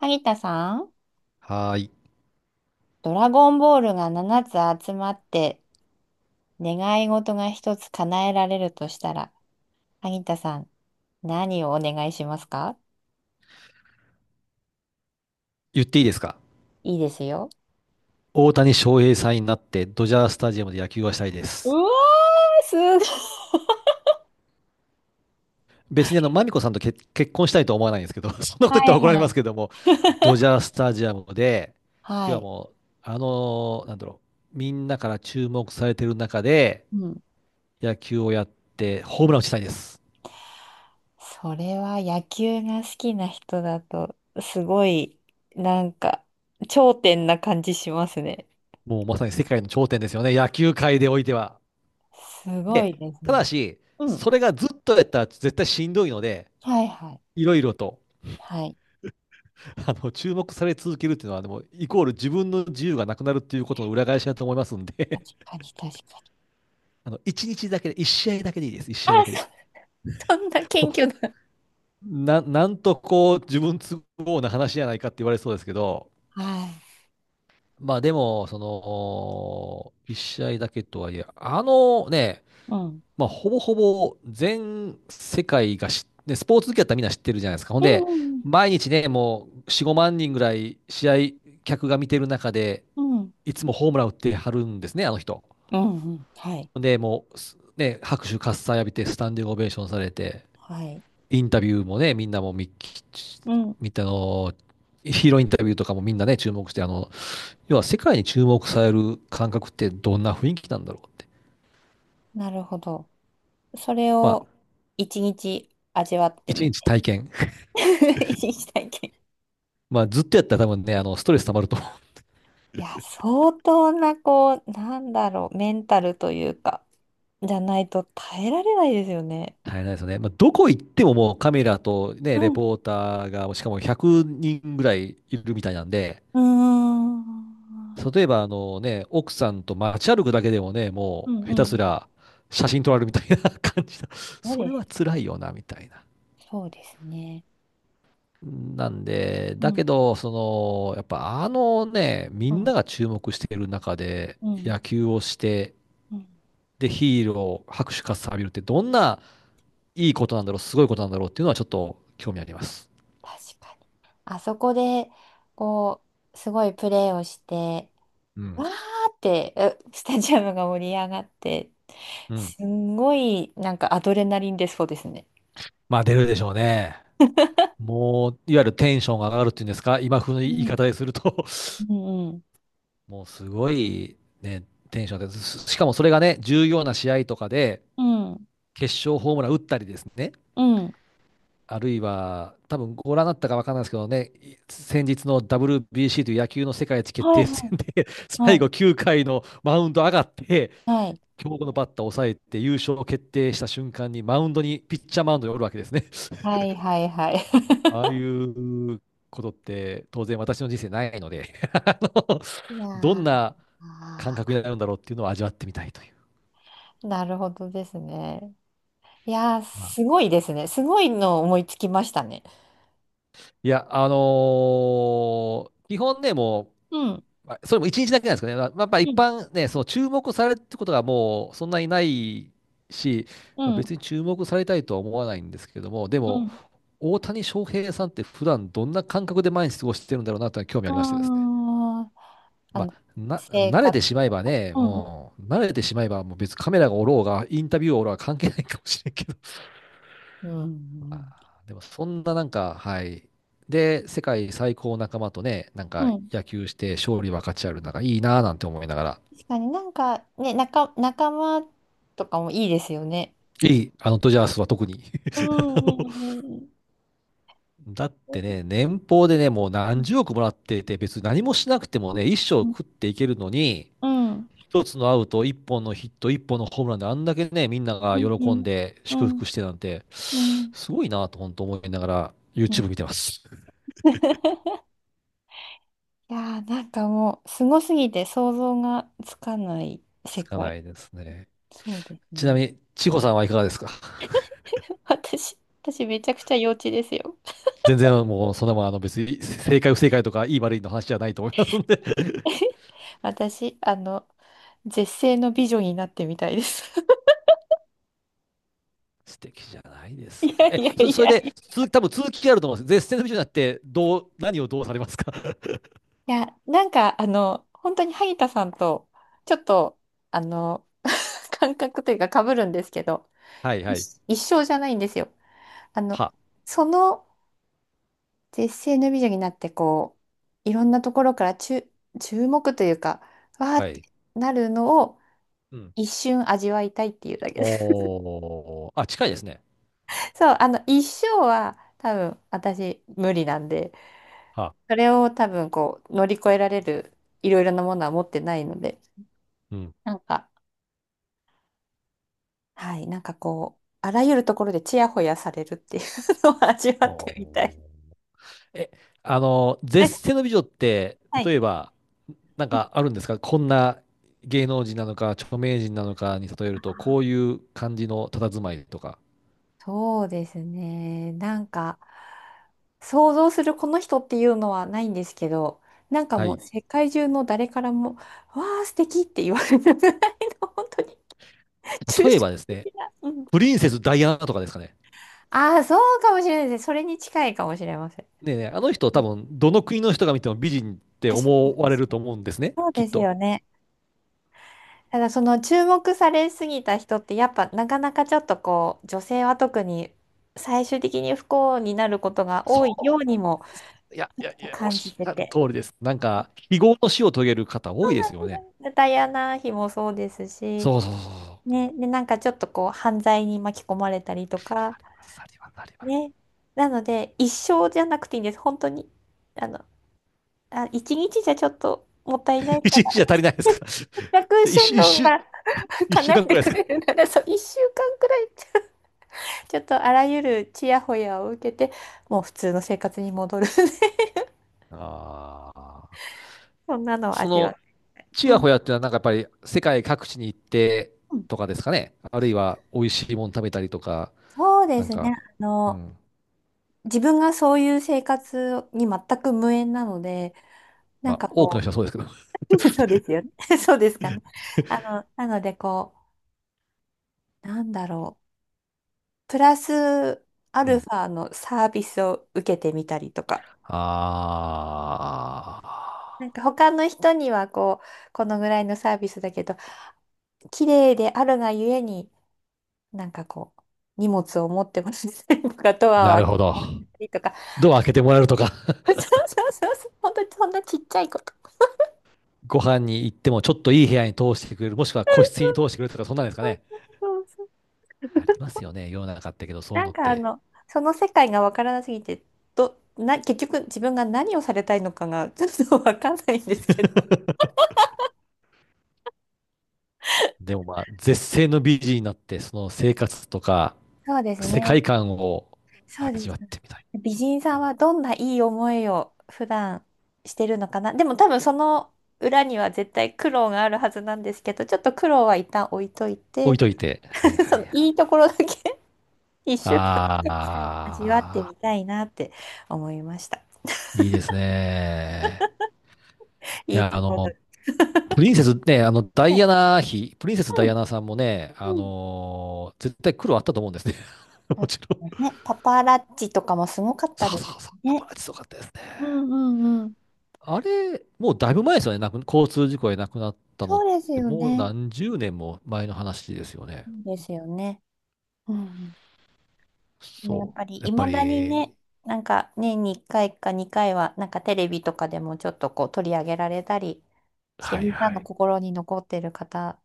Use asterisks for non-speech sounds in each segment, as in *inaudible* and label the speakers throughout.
Speaker 1: 萩田さん、
Speaker 2: はーい。
Speaker 1: ドラゴンボールが7つ集まって願い事が1つ叶えられるとしたら、萩田さん、何をお願いしますか？
Speaker 2: 言っていいですか？
Speaker 1: いいですよ。
Speaker 2: 大谷翔平さんになってドジャースタジアムで野球がしたいで
Speaker 1: う
Speaker 2: す。
Speaker 1: わー、すごい。
Speaker 2: 別にマミコさんと結婚したいとは思わないんですけど、*laughs* そんなこと
Speaker 1: は
Speaker 2: 言った
Speaker 1: い
Speaker 2: ら怒られ
Speaker 1: は
Speaker 2: ま
Speaker 1: い。
Speaker 2: すけども、ドジャースタジアムで、
Speaker 1: は
Speaker 2: 要は
Speaker 1: い。
Speaker 2: もう、あのーなんだろみんなから注目されてる中で
Speaker 1: うん。
Speaker 2: 野球をやってホームランを打ちたいです。
Speaker 1: それは野球が好きな人だと、すごい、なんか、頂点な感じしますね。
Speaker 2: もうまさに世界の頂点ですよね、野球界でおいては。
Speaker 1: すご
Speaker 2: で、
Speaker 1: いです
Speaker 2: ただ
Speaker 1: ね。
Speaker 2: し、
Speaker 1: うん。
Speaker 2: それがずっとやったら絶対しんどいので、
Speaker 1: はいはい。
Speaker 2: いろいろと。
Speaker 1: はい。
Speaker 2: 注目され続けるっていうのは、でも、イコール自分の自由がなくなるっていうことの裏返しだと思いますん
Speaker 1: 確
Speaker 2: で、
Speaker 1: かに確かに。
Speaker 2: *laughs* 一日だけで、一試合だけでいいです、一試合だけで。
Speaker 1: あ、そんな
Speaker 2: もう
Speaker 1: 謙虚な。
Speaker 2: なんとこう、自分都合な話じゃないかって言われそうですけど、
Speaker 1: はい。
Speaker 2: まあでも、その、一試合だけとはいえ、あのね、
Speaker 1: うん。
Speaker 2: まあ、ほぼほぼ全世界が知って、スポーツ好きだったらみんな知ってるじゃないですか。ほん
Speaker 1: う
Speaker 2: で、
Speaker 1: んうん
Speaker 2: 毎日ね、もう4、5万人ぐらい試合客が見てる中で、
Speaker 1: うん。うん。
Speaker 2: いつもホームラン打ってはるんですね、あの人。
Speaker 1: うんうん。はい。
Speaker 2: ほんで、もう、拍手喝采浴びて、スタンディングオベーションされて、
Speaker 1: はい。
Speaker 2: インタビューもね、みんなもみ、
Speaker 1: うん、はいはい、うん、
Speaker 2: みたの、ヒーローインタビューとかもみんなね、注目して、要は世界に注目される感覚ってどんな雰囲気なんだろうって。
Speaker 1: なるほど。それ
Speaker 2: まあ、
Speaker 1: を一日味わって
Speaker 2: 一
Speaker 1: み
Speaker 2: 日
Speaker 1: て。
Speaker 2: 体験。
Speaker 1: *laughs* 一日体験。
Speaker 2: まあ、ずっとやったら多分ね、ストレス溜まると
Speaker 1: いや、相当な、こう、なんだろう、メンタルというか、じゃないと耐えられないですよね。
Speaker 2: *laughs* 大変なんですよね。*laughs* まあ、どこ行ってももうカメラとね、
Speaker 1: う
Speaker 2: レ
Speaker 1: ん。
Speaker 2: ポーターが、しかも100人ぐらいいるみたいなんで、
Speaker 1: うーん。
Speaker 2: 例えば奥さんと街歩くだけでもね、
Speaker 1: う
Speaker 2: もう
Speaker 1: ん
Speaker 2: 下手
Speaker 1: う
Speaker 2: す
Speaker 1: ん。
Speaker 2: ら写真撮られるみたいな *laughs* 感じだ。*laughs*
Speaker 1: そう
Speaker 2: それ
Speaker 1: で
Speaker 2: は
Speaker 1: す
Speaker 2: 辛
Speaker 1: ね。
Speaker 2: いよな、みたいな。
Speaker 1: そうですね。
Speaker 2: なんで、
Speaker 1: う
Speaker 2: だけ
Speaker 1: ん。
Speaker 2: ど、その、やっぱみ
Speaker 1: う
Speaker 2: んな
Speaker 1: ん。
Speaker 2: が注目している中で
Speaker 1: うん。
Speaker 2: 野球をして、
Speaker 1: うん、
Speaker 2: で、ヒーロー、拍手喝采浴びるってどんないいことなんだろう、すごいことなんだろうっていうのはちょっと興味あります。
Speaker 1: 確かに。あそこで、こう、すごいプレーをして、
Speaker 2: う
Speaker 1: わ
Speaker 2: ん。
Speaker 1: ーって、え *laughs* スタジアムが盛り上がって、
Speaker 2: うん。
Speaker 1: すんごい、なんかアドレナリン出そうですね。
Speaker 2: まあ出るでしょうね。もう、いわゆるテンションが上がるっていうんですか、今風の
Speaker 1: う
Speaker 2: 言い
Speaker 1: ん。
Speaker 2: 方ですると
Speaker 1: うん。
Speaker 2: *laughs* もうすごいね、テンションが上です。しかもそれがね、重要な試合とかで、
Speaker 1: うん。
Speaker 2: 決勝ホームラン打ったりですね、
Speaker 1: うん。うん、
Speaker 2: あるいは、多分ご覧になったか分からないですけどね、い先日の WBC という野球の世界一決
Speaker 1: はい
Speaker 2: 定
Speaker 1: は
Speaker 2: 戦
Speaker 1: い。
Speaker 2: で *laughs*
Speaker 1: は
Speaker 2: 最
Speaker 1: い。
Speaker 2: 後9回のマウンド上がって、
Speaker 1: はい。
Speaker 2: 強豪のバッターを抑えて優勝を決定した瞬間にマウンドに、ピッチャーマウンドにおるわけですね。*laughs*
Speaker 1: はいはいはい。*laughs*
Speaker 2: ああいうことって当然私の人生ないので *laughs* あの
Speaker 1: い
Speaker 2: ど
Speaker 1: や
Speaker 2: ん
Speaker 1: ー、
Speaker 2: な感覚になるんだろうっていうのを味わってみたいという。
Speaker 1: なるほどですね。いやー、
Speaker 2: まあ、
Speaker 1: すごいですね。すごいの思いつきましたね。
Speaker 2: いや、基本ね、も
Speaker 1: うん。
Speaker 2: う、まあそれも一日だけなんですかね。まあ、やっぱ
Speaker 1: う
Speaker 2: 一
Speaker 1: ん。
Speaker 2: 般ね、その注目されるってことがもうそんなにないし、
Speaker 1: う
Speaker 2: まあ
Speaker 1: ん。
Speaker 2: 別に注目されたいとは思わないんですけども、で
Speaker 1: う
Speaker 2: も、
Speaker 1: ん。
Speaker 2: 大谷翔平さんって普段どんな感覚で毎日過ごしてるんだろうなというのは興味ありましてですね。
Speaker 1: あー、
Speaker 2: まあ、
Speaker 1: 生
Speaker 2: 慣れ
Speaker 1: 活。
Speaker 2: てしまえばね、
Speaker 1: う
Speaker 2: う
Speaker 1: んうん
Speaker 2: ん、慣れてしまえばもう別にカメラがおろうが、インタビューがおろうが関係ないかもしれんけど。*laughs*
Speaker 1: う
Speaker 2: あ
Speaker 1: ん
Speaker 2: ーでもそんななんか、はい。で、世界最高仲間とね、なん
Speaker 1: う
Speaker 2: か
Speaker 1: んうん、
Speaker 2: 野球して勝利分かち合うなんかいいなぁなんて思いながら。
Speaker 1: 確かになんかね、仲間とかもいいですよね。
Speaker 2: いい、あのドジャースは特に。*laughs*
Speaker 1: う
Speaker 2: あの
Speaker 1: んうんうん
Speaker 2: だってね、年俸でね、もう何十億もらってて、別に何もしなくてもね、一生
Speaker 1: うん
Speaker 2: 食っていけるのに、
Speaker 1: うん
Speaker 2: 一つのアウト、一本のヒット、一本のホームランであんだけね、みんなが
Speaker 1: うんう
Speaker 2: 喜ん
Speaker 1: ん
Speaker 2: で
Speaker 1: う
Speaker 2: 祝
Speaker 1: ん
Speaker 2: 福してなんて、
Speaker 1: うん
Speaker 2: すごいなと本当思いながら
Speaker 1: う
Speaker 2: YouTube
Speaker 1: ん
Speaker 2: 見てます。
Speaker 1: *laughs* いやー、なんかもうすごすぎて想像がつかない
Speaker 2: つ
Speaker 1: 世
Speaker 2: か
Speaker 1: 界。
Speaker 2: ないですね。
Speaker 1: そうです
Speaker 2: ちな
Speaker 1: ね。
Speaker 2: みに、千穂さんはいかがですか？
Speaker 1: *laughs* 私、私めちゃくちゃ幼稚ですよ。
Speaker 2: 全然もうそんなもん別に正解不正解とかいい悪いの話じゃないと思いますんで
Speaker 1: 私、絶世の美女になってみたいです。*laughs*
Speaker 2: *laughs* 素敵じゃないで
Speaker 1: い
Speaker 2: すか。
Speaker 1: や
Speaker 2: え、
Speaker 1: いやい
Speaker 2: それ
Speaker 1: やい
Speaker 2: で、
Speaker 1: や
Speaker 2: 続き、多分続きがあると思うんです。絶世の美女になって、どう、何をどうされますか？ *laughs*
Speaker 1: いや、なんか、本当に萩田さんと、ちょっと、あの、*laughs* 感覚というか被るんですけど、
Speaker 2: はいはい。
Speaker 1: 一緒じゃないんですよ。あの、
Speaker 2: は、
Speaker 1: その絶世の美女になって、こう、いろんなところから注目というか、わー
Speaker 2: は
Speaker 1: って
Speaker 2: い。
Speaker 1: なるのを
Speaker 2: うん。
Speaker 1: 一瞬味わいたいっていうだけです。
Speaker 2: おー、あ、近いですね。
Speaker 1: *laughs* そう、一生は多分私無理なんで、
Speaker 2: は、
Speaker 1: それを多分こう、乗り越えられるいろいろなものは持ってないので、
Speaker 2: うん。
Speaker 1: なんか、はい、なんかこう、あらゆるところでちやほやされるっていうのを *laughs* 味わっ
Speaker 2: お
Speaker 1: てみたい。
Speaker 2: ー。え、絶世
Speaker 1: *laughs*
Speaker 2: の美女って、
Speaker 1: はい。
Speaker 2: 例えば、なん
Speaker 1: うん、
Speaker 2: かあるんですか？こんな芸能人なのか、著名人なのかに例えると、こういう感じの佇まいとか。
Speaker 1: そうですね。なんか、想像するこの人っていうのはないんですけど、なんか
Speaker 2: は
Speaker 1: もう
Speaker 2: い。
Speaker 1: 世界中の誰からも、わあ、素敵って言われるぐらいの、本当に抽
Speaker 2: 例え
Speaker 1: 象
Speaker 2: ばですね、
Speaker 1: 的な。うん、
Speaker 2: プリンセスダイアナとかですかね。
Speaker 1: ああ、そうかもしれないです。それに近いかもしれません。
Speaker 2: ねえねえ、あの人
Speaker 1: う
Speaker 2: 多
Speaker 1: ん、
Speaker 2: 分、どの国の人が見ても美人って
Speaker 1: 確かに、
Speaker 2: 思われ
Speaker 1: 確
Speaker 2: る
Speaker 1: か
Speaker 2: と
Speaker 1: に。
Speaker 2: 思うんですね、
Speaker 1: そう
Speaker 2: きっ
Speaker 1: です
Speaker 2: と。
Speaker 1: よね。ただその注目されすぎた人ってやっぱなかなかちょっとこう女性は特に最終的に不幸になることが多い
Speaker 2: そ
Speaker 1: よ
Speaker 2: う
Speaker 1: う
Speaker 2: で
Speaker 1: にも
Speaker 2: す。いや、
Speaker 1: ち
Speaker 2: い
Speaker 1: ょ
Speaker 2: や、
Speaker 1: っ
Speaker 2: い
Speaker 1: と
Speaker 2: や、おっ
Speaker 1: 感じ
Speaker 2: し
Speaker 1: て
Speaker 2: ゃる
Speaker 1: て。
Speaker 2: 通りです。なんか、非業の死を遂げる方
Speaker 1: そ
Speaker 2: 多い
Speaker 1: う
Speaker 2: で
Speaker 1: なん
Speaker 2: す
Speaker 1: で
Speaker 2: よね。
Speaker 1: すね、ダイアナ妃もそうですし、
Speaker 2: そうそうそうそう。わ
Speaker 1: ね、で、なんかちょっとこう犯罪に巻き込まれたりとか、
Speaker 2: かりますわかります
Speaker 1: ね。なので一生じゃなくていいんです。本当に。あの、あ、一日じゃちょっともったいな
Speaker 2: *laughs*
Speaker 1: い
Speaker 2: 一
Speaker 1: から、
Speaker 2: 日じゃ足りないです
Speaker 1: *laughs*
Speaker 2: か？じ
Speaker 1: せっかく
Speaker 2: ゃ *laughs* 一
Speaker 1: シェン
Speaker 2: 週、一
Speaker 1: ロン
Speaker 2: 週、
Speaker 1: が
Speaker 2: 一週
Speaker 1: 叶え
Speaker 2: 間く
Speaker 1: て
Speaker 2: らいで
Speaker 1: く
Speaker 2: すか？
Speaker 1: れるなら、そう、一週間くらい。ちょっとあらゆるちやほやを受けて、もう普通の生活に戻るね *laughs*
Speaker 2: ああ。
Speaker 1: そんなのを
Speaker 2: そ
Speaker 1: 味わ
Speaker 2: の、ち
Speaker 1: う。う
Speaker 2: や
Speaker 1: ん。
Speaker 2: ほやっていうのはなんかやっぱり世界各地に行って
Speaker 1: うん、
Speaker 2: とかですかね。あるいは美味しいもの食べたりとか、
Speaker 1: そうで
Speaker 2: なん
Speaker 1: すね。
Speaker 2: か、
Speaker 1: あ
Speaker 2: う
Speaker 1: の、
Speaker 2: ん。
Speaker 1: 自分がそういう生活に全く無縁なので、な
Speaker 2: ま
Speaker 1: ん
Speaker 2: あ、
Speaker 1: か
Speaker 2: 多くの
Speaker 1: こ
Speaker 2: 人はそうですけど。
Speaker 1: う、*laughs* そうですよね。*laughs* そうですかね。なのでこう、なんだろう。プラスア
Speaker 2: う
Speaker 1: ルフ
Speaker 2: ん。
Speaker 1: ァのサービスを受けてみたりとか。
Speaker 2: あ
Speaker 1: な
Speaker 2: あ。
Speaker 1: んか他の人にはこう、このぐらいのサービスだけど、綺麗であるがゆえになんかこう、荷物を持ってもらったりとか、ド
Speaker 2: な
Speaker 1: アを開
Speaker 2: る
Speaker 1: け
Speaker 2: ほ
Speaker 1: て
Speaker 2: ど。
Speaker 1: もらったりとか、
Speaker 2: ドア開けてもらえるとか。*laughs*
Speaker 1: *laughs* そうそうそうそう、本当にそんなちっちゃいこと。
Speaker 2: ご飯に行ってもちょっといい部屋に通してくれる、もしくは個室に通してくれるとか、そんなんですかね。
Speaker 1: そうそう。
Speaker 2: ありますよね、世の中ってけど、そうい
Speaker 1: な
Speaker 2: う
Speaker 1: ん
Speaker 2: のっ
Speaker 1: か
Speaker 2: て。
Speaker 1: その世界がわからなすぎて、結局自分が何をされたいのかがちょっとわかんないんですけど。
Speaker 2: でもまあ、絶世の美人になって、その生活とか、
Speaker 1: そうです
Speaker 2: 世
Speaker 1: ね。
Speaker 2: 界観を
Speaker 1: そうで
Speaker 2: 味
Speaker 1: す。
Speaker 2: わってみたい。
Speaker 1: 美人さんはどんないい思いを普段してるのかな。でも多分その裏には絶対苦労があるはずなんですけど、ちょっと苦労は一旦置いとい
Speaker 2: 置
Speaker 1: て、
Speaker 2: いといて。はいはい
Speaker 1: *laughs*
Speaker 2: は
Speaker 1: そ
Speaker 2: い。
Speaker 1: のいいところだけ一瞬
Speaker 2: あ
Speaker 1: 味わって
Speaker 2: あ、
Speaker 1: みたいなって思いました。
Speaker 2: いいですね。い
Speaker 1: いい
Speaker 2: や、
Speaker 1: ところ
Speaker 2: プリンセスね、ダイ
Speaker 1: で。
Speaker 2: アナ妃、プリンセスダイアナさんもね、絶対苦労あったと思うんですね。*laughs*
Speaker 1: そ
Speaker 2: も
Speaker 1: う
Speaker 2: ちろん。
Speaker 1: ですね、パパラッチとかもすごかっ
Speaker 2: そ
Speaker 1: た
Speaker 2: う
Speaker 1: です
Speaker 2: そうそう、パ
Speaker 1: ね。
Speaker 2: パラッチすごかったですね。あれ、もうだいぶ前ですよね。交通事故で亡くなったのっ
Speaker 1: そうです
Speaker 2: て、
Speaker 1: よ
Speaker 2: もう
Speaker 1: ね。
Speaker 2: 何十年も前の話ですよね。
Speaker 1: そうですよね。うん。でもやっ
Speaker 2: そ
Speaker 1: ぱり
Speaker 2: う。や
Speaker 1: い
Speaker 2: っぱ
Speaker 1: まだにね、
Speaker 2: り、
Speaker 1: なんか年に1回か2回は、なんかテレビとかでもちょっとこう取り上げられたりして、
Speaker 2: はい
Speaker 1: みんな
Speaker 2: は
Speaker 1: の
Speaker 2: い。
Speaker 1: 心に残ってる方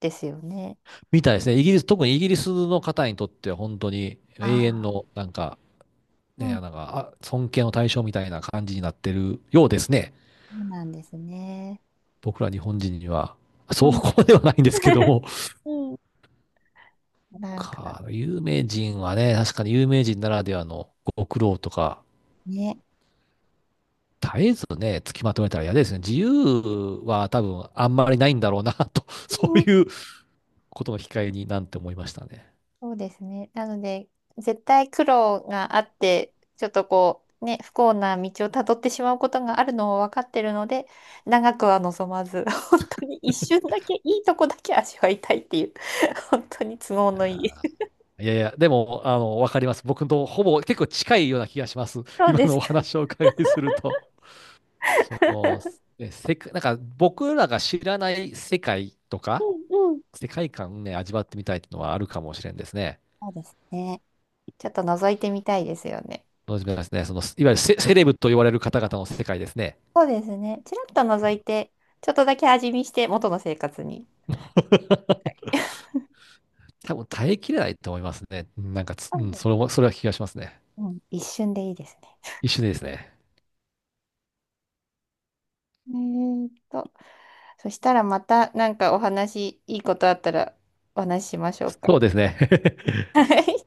Speaker 1: ですよね。
Speaker 2: みたいですね。イギリス、特にイギリスの方にとっては本当に
Speaker 1: あ
Speaker 2: 永遠
Speaker 1: あ。
Speaker 2: の、なんか、
Speaker 1: う
Speaker 2: ね、
Speaker 1: ん、
Speaker 2: なん
Speaker 1: そ
Speaker 2: か、あ、尊敬の対象みたいな感じになってるようですね。
Speaker 1: うなんですね。
Speaker 2: 僕ら日本人には。
Speaker 1: う
Speaker 2: そう
Speaker 1: ん。
Speaker 2: こまではないんですけど
Speaker 1: *laughs*
Speaker 2: も。
Speaker 1: うん、なんか
Speaker 2: 有名人はね、確かに有名人ならではのご苦労とか、
Speaker 1: ね。
Speaker 2: 絶えずね、つきまとめたら嫌ですね。自由は多分あんまりないんだろうな、と、そう
Speaker 1: うん、
Speaker 2: いうことの控えになんて思いましたね。
Speaker 1: そうですね。なので、絶対苦労があって、ちょっとこう、ね、不幸な道をたどってしまうことがあるのを分かってるので、長くは望まず、*laughs* 本当に一瞬だけ、いいとこだけ味わいたいっていう、*laughs* 本当に都合
Speaker 2: い
Speaker 1: のいい。
Speaker 2: や
Speaker 1: *laughs*
Speaker 2: ー、いやいや、でも、わかります。僕とほぼ結構近いような気がします。*laughs*
Speaker 1: そう
Speaker 2: 今
Speaker 1: で
Speaker 2: の
Speaker 1: す
Speaker 2: お
Speaker 1: か。
Speaker 2: 話をお伺いすると。そ
Speaker 1: *laughs*
Speaker 2: の、ねせか、なんか僕らが知らない世界とか、
Speaker 1: うんうん。
Speaker 2: 世界観をね、味わってみたいっていうのはあるかもしれんですね。
Speaker 1: そうですね。ちょっと覗いてみたいですよね。
Speaker 2: そうですね、その、いわゆるセレブと言われる方々の世界ですね。
Speaker 1: そうですね。ちらっと覗いて、ちょっとだけ味見して、元の生活に。みたい。
Speaker 2: 多分耐えきれないと思いますね。なんかつ、
Speaker 1: そ
Speaker 2: う
Speaker 1: う
Speaker 2: ん、
Speaker 1: で
Speaker 2: それ
Speaker 1: す。
Speaker 2: も、それは気がしますね。
Speaker 1: うん、一瞬でいいですね。
Speaker 2: 一緒ですね。
Speaker 1: えーっと。そしたらまたなんかお話、いいことあったらお話ししましょうか。
Speaker 2: そうですね。*laughs*
Speaker 1: はい。